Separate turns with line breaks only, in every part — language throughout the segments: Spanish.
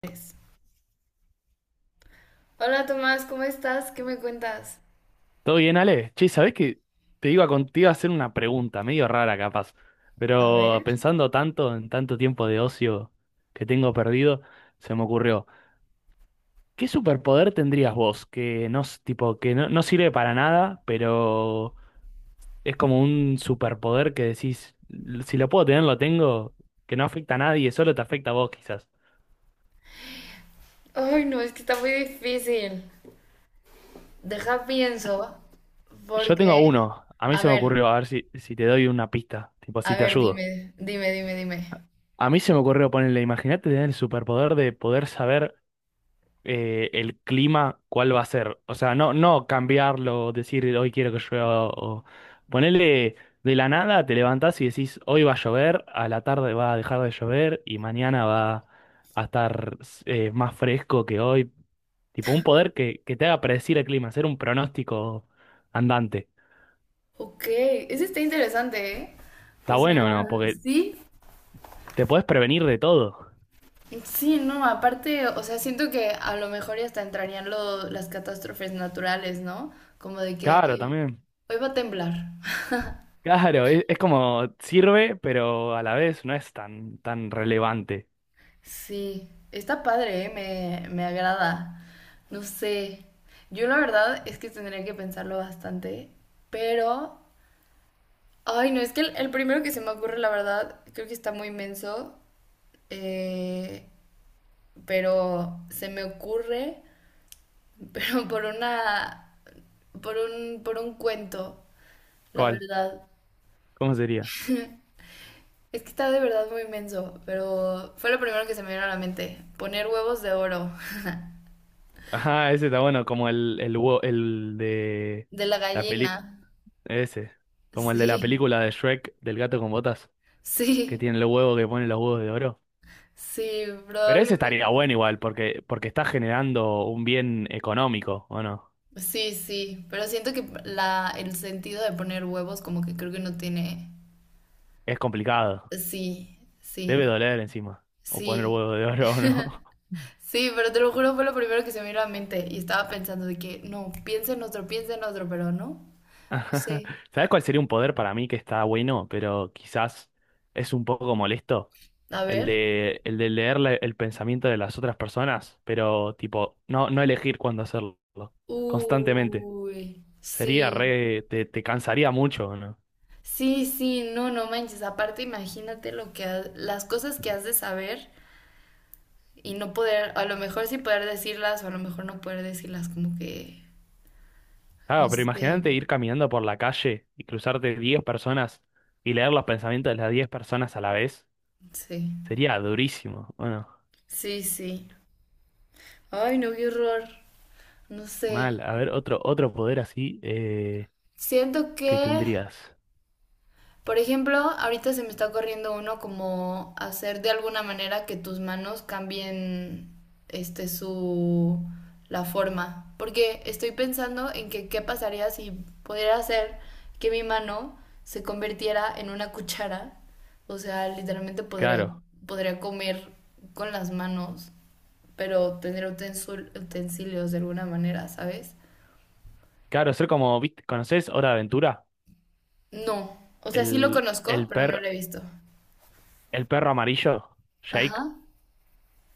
Pues, Hola Tomás, ¿cómo estás? ¿Qué me cuentas?
¿Todo bien, Ale? Che, ¿sabés que te iba, te iba a hacer una pregunta, medio rara capaz,
A
pero
ver.
pensando tanto en tanto tiempo de ocio que tengo perdido, se me ocurrió, ¿qué superpoder tendrías vos? Que no, tipo, que no, no sirve para nada, pero es como un superpoder que decís, Si lo puedo tener, lo tengo, que no afecta a nadie, solo te afecta a vos quizás.
Ay, no, es que está muy difícil. Deja pienso,
Yo tengo
porque...
uno, a mí
A
se me
ver,
ocurrió, a ver si te doy una pista, tipo,
a
si te
ver,
ayudo.
dime, dime, dime, dime.
A mí se me ocurrió ponerle, imagínate tener el superpoder de poder saber el clima, cuál va a ser. O sea, no cambiarlo, decir hoy quiero que llueva o ponerle de la nada, te levantás y decís hoy va a llover, a la tarde va a dejar de llover y mañana va a estar más fresco que hoy. Tipo un poder que te haga predecir el clima, hacer un pronóstico andante.
Ok, ese está interesante, ¿eh? O
Está
sea,
bueno, ¿no? Porque
sí,
te podés prevenir de todo.
sí, no, aparte, o sea, siento que a lo mejor ya hasta entrarían las catástrofes naturales, ¿no? Como de que,
Claro,
ay,
también.
hoy va a temblar.
Claro, es como sirve, pero a la vez no es tan relevante.
Sí, está padre, ¿eh? Me agrada. No sé. Yo la verdad es que tendría que pensarlo bastante, pero... Ay, no, es que el primero que se me ocurre, la verdad, creo que está muy menso, eh, pero se me ocurre, pero por una... por un cuento, la
¿Cuál?
verdad.
¿Cómo sería?
Es que está de verdad muy menso, pero fue lo primero que se me vino a la mente. Poner huevos de oro,
Ajá, ese está bueno, como huevo- el de
de la
la
gallina.
película, ese, como el de la
Sí.
película de Shrek del gato con botas, que
Sí,
tiene el huevo que pone los huevos de oro.
sí,
Pero ese
probablemente.
estaría bueno igual, porque está generando un bien económico, ¿o no?
Sí, sí, pero siento que la, el sentido de poner huevos como que creo que no tiene...
Es complicado,
Sí,
debe
sí,
doler encima, o poner
sí,
huevo de oro o no.
sí, pero te lo juro fue lo primero que se me vino a la mente y estaba pensando de que no, piensa en otro, pero no, no
Ajá.
sé.
¿Sabes cuál sería un poder para mí que está bueno, pero quizás es un poco molesto?
A
El
ver.
de, el de leer el pensamiento de las otras personas, pero tipo, no elegir cuándo hacerlo, constantemente.
Uy,
Sería
sí,
te cansaría mucho, ¿no?
sí, sí, no, no manches, aparte imagínate lo que las cosas que has de saber y no poder, a lo mejor sí poder decirlas o a lo mejor no poder decirlas como que... No
Claro, pero
sé,
imagínate ir caminando por la calle y cruzarte 10 personas y leer los pensamientos de las 10 personas a la vez.
sí,
Sería durísimo. Bueno,
sí, sí. Ay, no, qué horror. No sé.
mal. A ver, otro poder así
Siento
que
que,
tendrías.
por ejemplo, ahorita se me está corriendo uno como hacer de alguna manera que tus manos cambien este su la forma, porque estoy pensando en que qué pasaría si pudiera hacer que mi mano se convirtiera en una cuchara, o sea, literalmente
Claro.
podría comer con las manos. Pero tener utensilios de alguna manera, ¿sabes?
Claro, ser como, ¿viste? ¿Conocés Hora de Aventura?
No. O sea, sí lo
El,
conozco,
el,
pero no
per,
lo he visto.
el perro amarillo, Jake,
Ajá.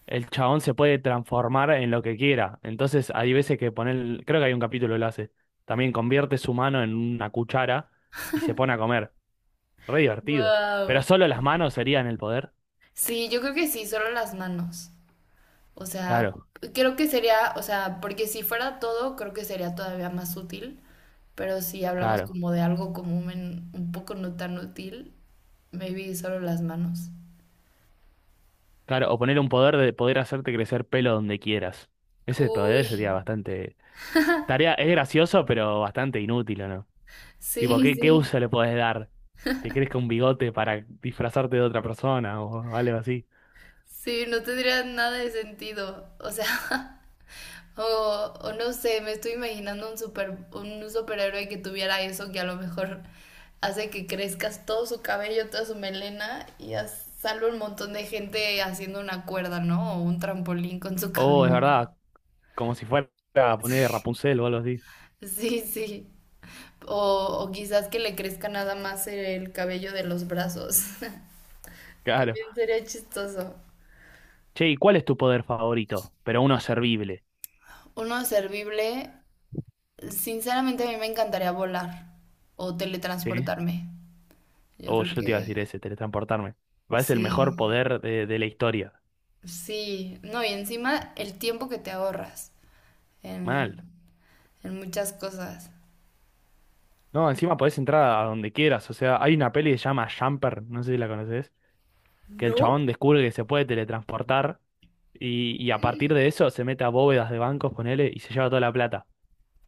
el chabón se puede transformar en lo que quiera. Entonces hay veces que poner, creo que hay un capítulo que lo hace. También convierte su mano en una cuchara y se pone a comer. Re divertido. Pero
Wow.
solo las manos serían el poder.
Sí, yo creo que sí, solo las manos. O sea,
Claro,
creo que sería, o sea, porque si fuera todo, creo que sería todavía más útil. Pero si hablamos
claro,
como de algo común, un poco no tan útil, maybe solo las manos.
claro. O poner un poder de poder hacerte crecer pelo donde quieras. Ese
Uy,
poder sería bastante... Tarea, es gracioso, pero bastante inútil, ¿o no? Tipo,
sí,
¿qué
sí.
uso le podés dar? Te crezca un bigote para disfrazarte de otra persona o algo así.
Sí, no tendría nada de sentido. O sea, O, o no sé, me estoy imaginando un superhéroe que tuviera eso que a lo mejor hace que crezcas todo su cabello, toda su melena y sale un montón de gente haciendo una cuerda, ¿no? O un trampolín con su
Oh, es
cabello.
verdad, como si fuera a poner Rapunzel o algo así.
Sí, sí. O, o quizás que le crezca nada más el cabello de los brazos.
Claro.
También sería chistoso.
Che, ¿y cuál es tu poder favorito? Pero uno servible,
Uno servible, sinceramente a mí me encantaría volar o
¿sí?
teletransportarme. Yo
Oh,
creo
yo te iba a
que
decir ese, teletransportarme. Me parece el mejor
sí.
poder de la historia.
Sí, no, y encima el tiempo que te ahorras
Mal.
en, en muchas cosas.
No, encima podés entrar a donde quieras. O sea, hay una peli que se llama Jumper, no sé si la conoces, que el
¿No?
chabón descubre que se puede teletransportar y a partir de eso se mete a bóvedas de bancos, ponele, y se lleva toda la plata.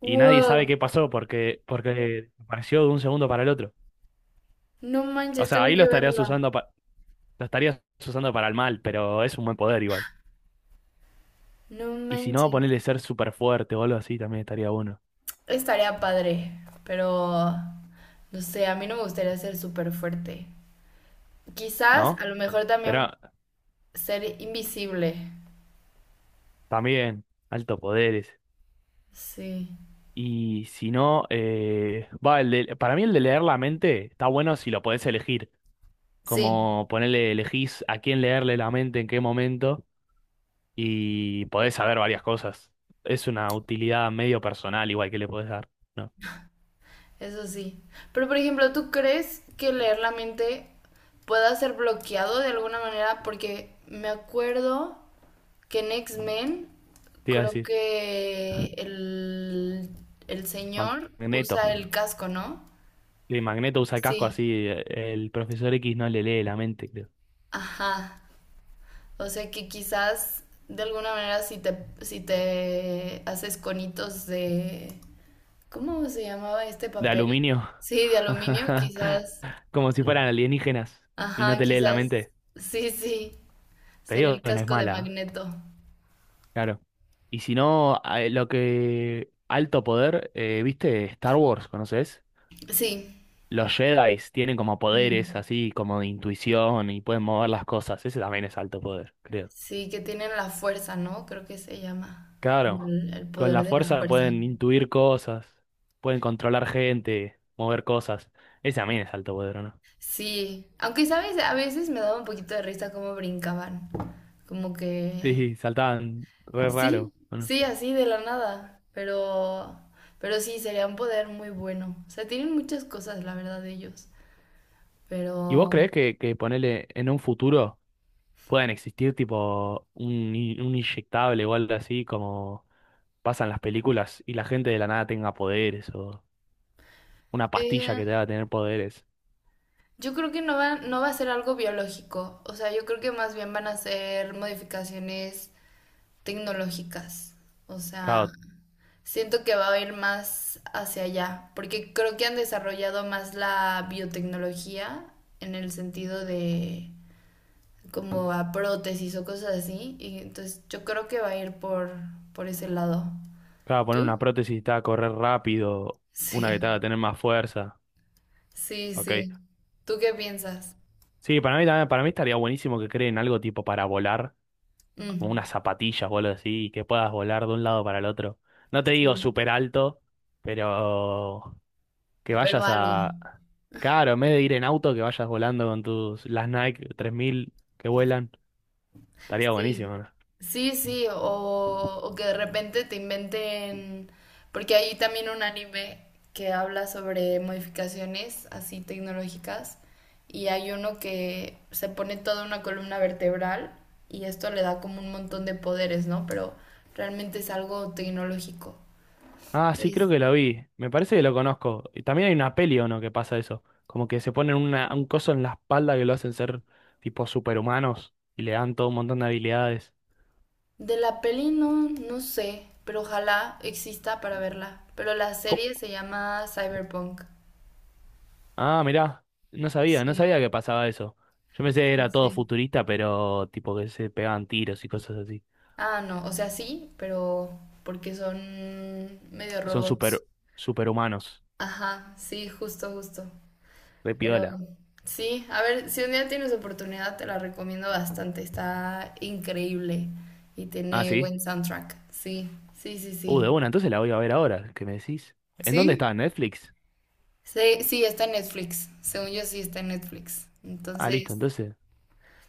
Y nadie sabe
Wow,
qué pasó porque apareció de un segundo para el otro.
no
O
manches,
sea,
tengo
ahí lo
que
estarías
verla.
usando, lo estarías usando para el mal, pero es un buen poder igual.
No
Y si no,
manches.
ponerle ser súper fuerte o algo así también estaría bueno,
Estaría padre, pero no sé, a mí no me gustaría ser súper fuerte. Quizás, a
¿no?
lo mejor
Pero
también ser invisible.
también, alto poderes.
Sí,
Y si no, el para mí el de leer la mente está bueno si lo podés elegir.
sí,
Como ponerle, elegís a quién leerle la mente en qué momento y podés saber varias cosas. Es una utilidad medio personal igual que le podés dar. ¿No?
eso sí. Pero por ejemplo, ¿tú crees que leer la mente pueda ser bloqueado de alguna manera? Porque me acuerdo. Que en X-Men,
Te iba a
creo
decir,
que el señor
Magneto.
usa el casco, ¿no?
Y Magneto usa casco
Sí,
así, el profesor X no le lee la mente, creo.
ajá. O sea que quizás de alguna manera si te, si te haces conitos de... ¿Cómo se llamaba este
De
papel?
aluminio.
Sí, de aluminio, quizás.
Como si fueran alienígenas y no
Ajá,
te leen la
quizás.
mente.
Sí, sí.
Te
Sería
digo
el
que no es
casco de
mala, ¿eh?
Magneto.
Claro. Y si no, lo que... Alto poder, ¿viste? Star Wars, ¿conoces?
Sí.
Los Jedi tienen como poderes
Mm.
así, como de intuición y pueden mover las cosas. Ese también es alto poder, creo.
Sí, que tienen la fuerza, ¿no? Creo que se llama
Claro,
el
con
poder
la
de la
fuerza
fuerza.
pueden intuir cosas, pueden controlar gente, mover cosas. Ese también es alto poder, ¿o no?
Sí, aunque sabes, a veces me daba un poquito de risa cómo brincaban. Como que
Sí, saltaban re
sí,
raro, ¿o no?
sí, así de la nada, pero sí sería un poder muy bueno. O sea, tienen muchas cosas, la verdad, ellos,
¿Y vos
pero
creés que ponele en un futuro puedan existir tipo un, un inyectable o algo así como pasan las películas y la gente de la nada tenga poderes o una pastilla
eh,
que te haga tener poderes?
yo creo que no va a ser algo biológico. O sea, yo creo que más bien van a ser modificaciones tecnológicas. O sea,
Claro,
siento que va a ir más hacia allá, porque creo que han desarrollado más la biotecnología en el sentido de como a prótesis o cosas así, y entonces yo creo que va a ir por ese lado.
claro, poner una
¿Tú?
prótesis y te haga correr rápido, una que
Sí,
te haga tener más fuerza,
sí,
ok.
sí. ¿Tú qué piensas?
Sí, para mí también, para mí estaría buenísimo que creen algo tipo para volar, como
Mm,
unas zapatillas o algo así, y que puedas volar de un lado para el otro. No te digo
sí,
súper alto, pero que
pero
vayas
algo.
a... Claro, en vez de ir en auto, que vayas volando con tus las Nike 3000 que vuelan, estaría
Sí,
buenísimo, ¿no?
sí, sí, o que de repente te inventen, porque hay también un anime que habla sobre modificaciones así tecnológicas y hay uno que se pone toda una columna vertebral y esto le da como un montón de poderes, ¿no? Pero realmente es algo tecnológico.
Ah, sí, creo
Entonces,
que lo vi. Me parece que lo conozco. Y también hay una peli o no que pasa eso, como que se ponen una, un coso en la espalda que lo hacen ser tipo superhumanos y le dan todo un montón de habilidades.
de la peli no, no sé, pero ojalá exista para verla. Pero la serie se llama Cyberpunk.
Ah, mirá, no
Sí,
sabía que pasaba eso. Yo pensé que
sí,
era todo
sí.
futurista, pero tipo que se pegaban tiros y cosas así.
Ah, no, o sea, sí, pero porque son medio
Son
robots.
superhumanos,
Ajá, sí, justo, justo.
re
Pero
piola.
sí, a ver, si un día tienes oportunidad, te la recomiendo bastante. Está increíble y
Ah,
tiene
sí.
buen soundtrack. Sí, sí, sí,
De
sí.
una, entonces la voy a ver ahora, ¿qué me decís? ¿En dónde
¿Sí?
está? ¿En Netflix?
Sí, sí, está en Netflix. Según yo, sí está en Netflix.
Ah, listo,
Entonces,
entonces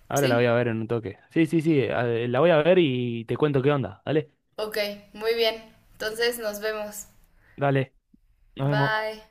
ahora la voy
sí.
a ver en un toque. Sí, sí, sí, la voy a ver y te cuento qué onda. Dale,
Ok, muy bien. Entonces, nos vemos.
dale, nos vemos.
Bye.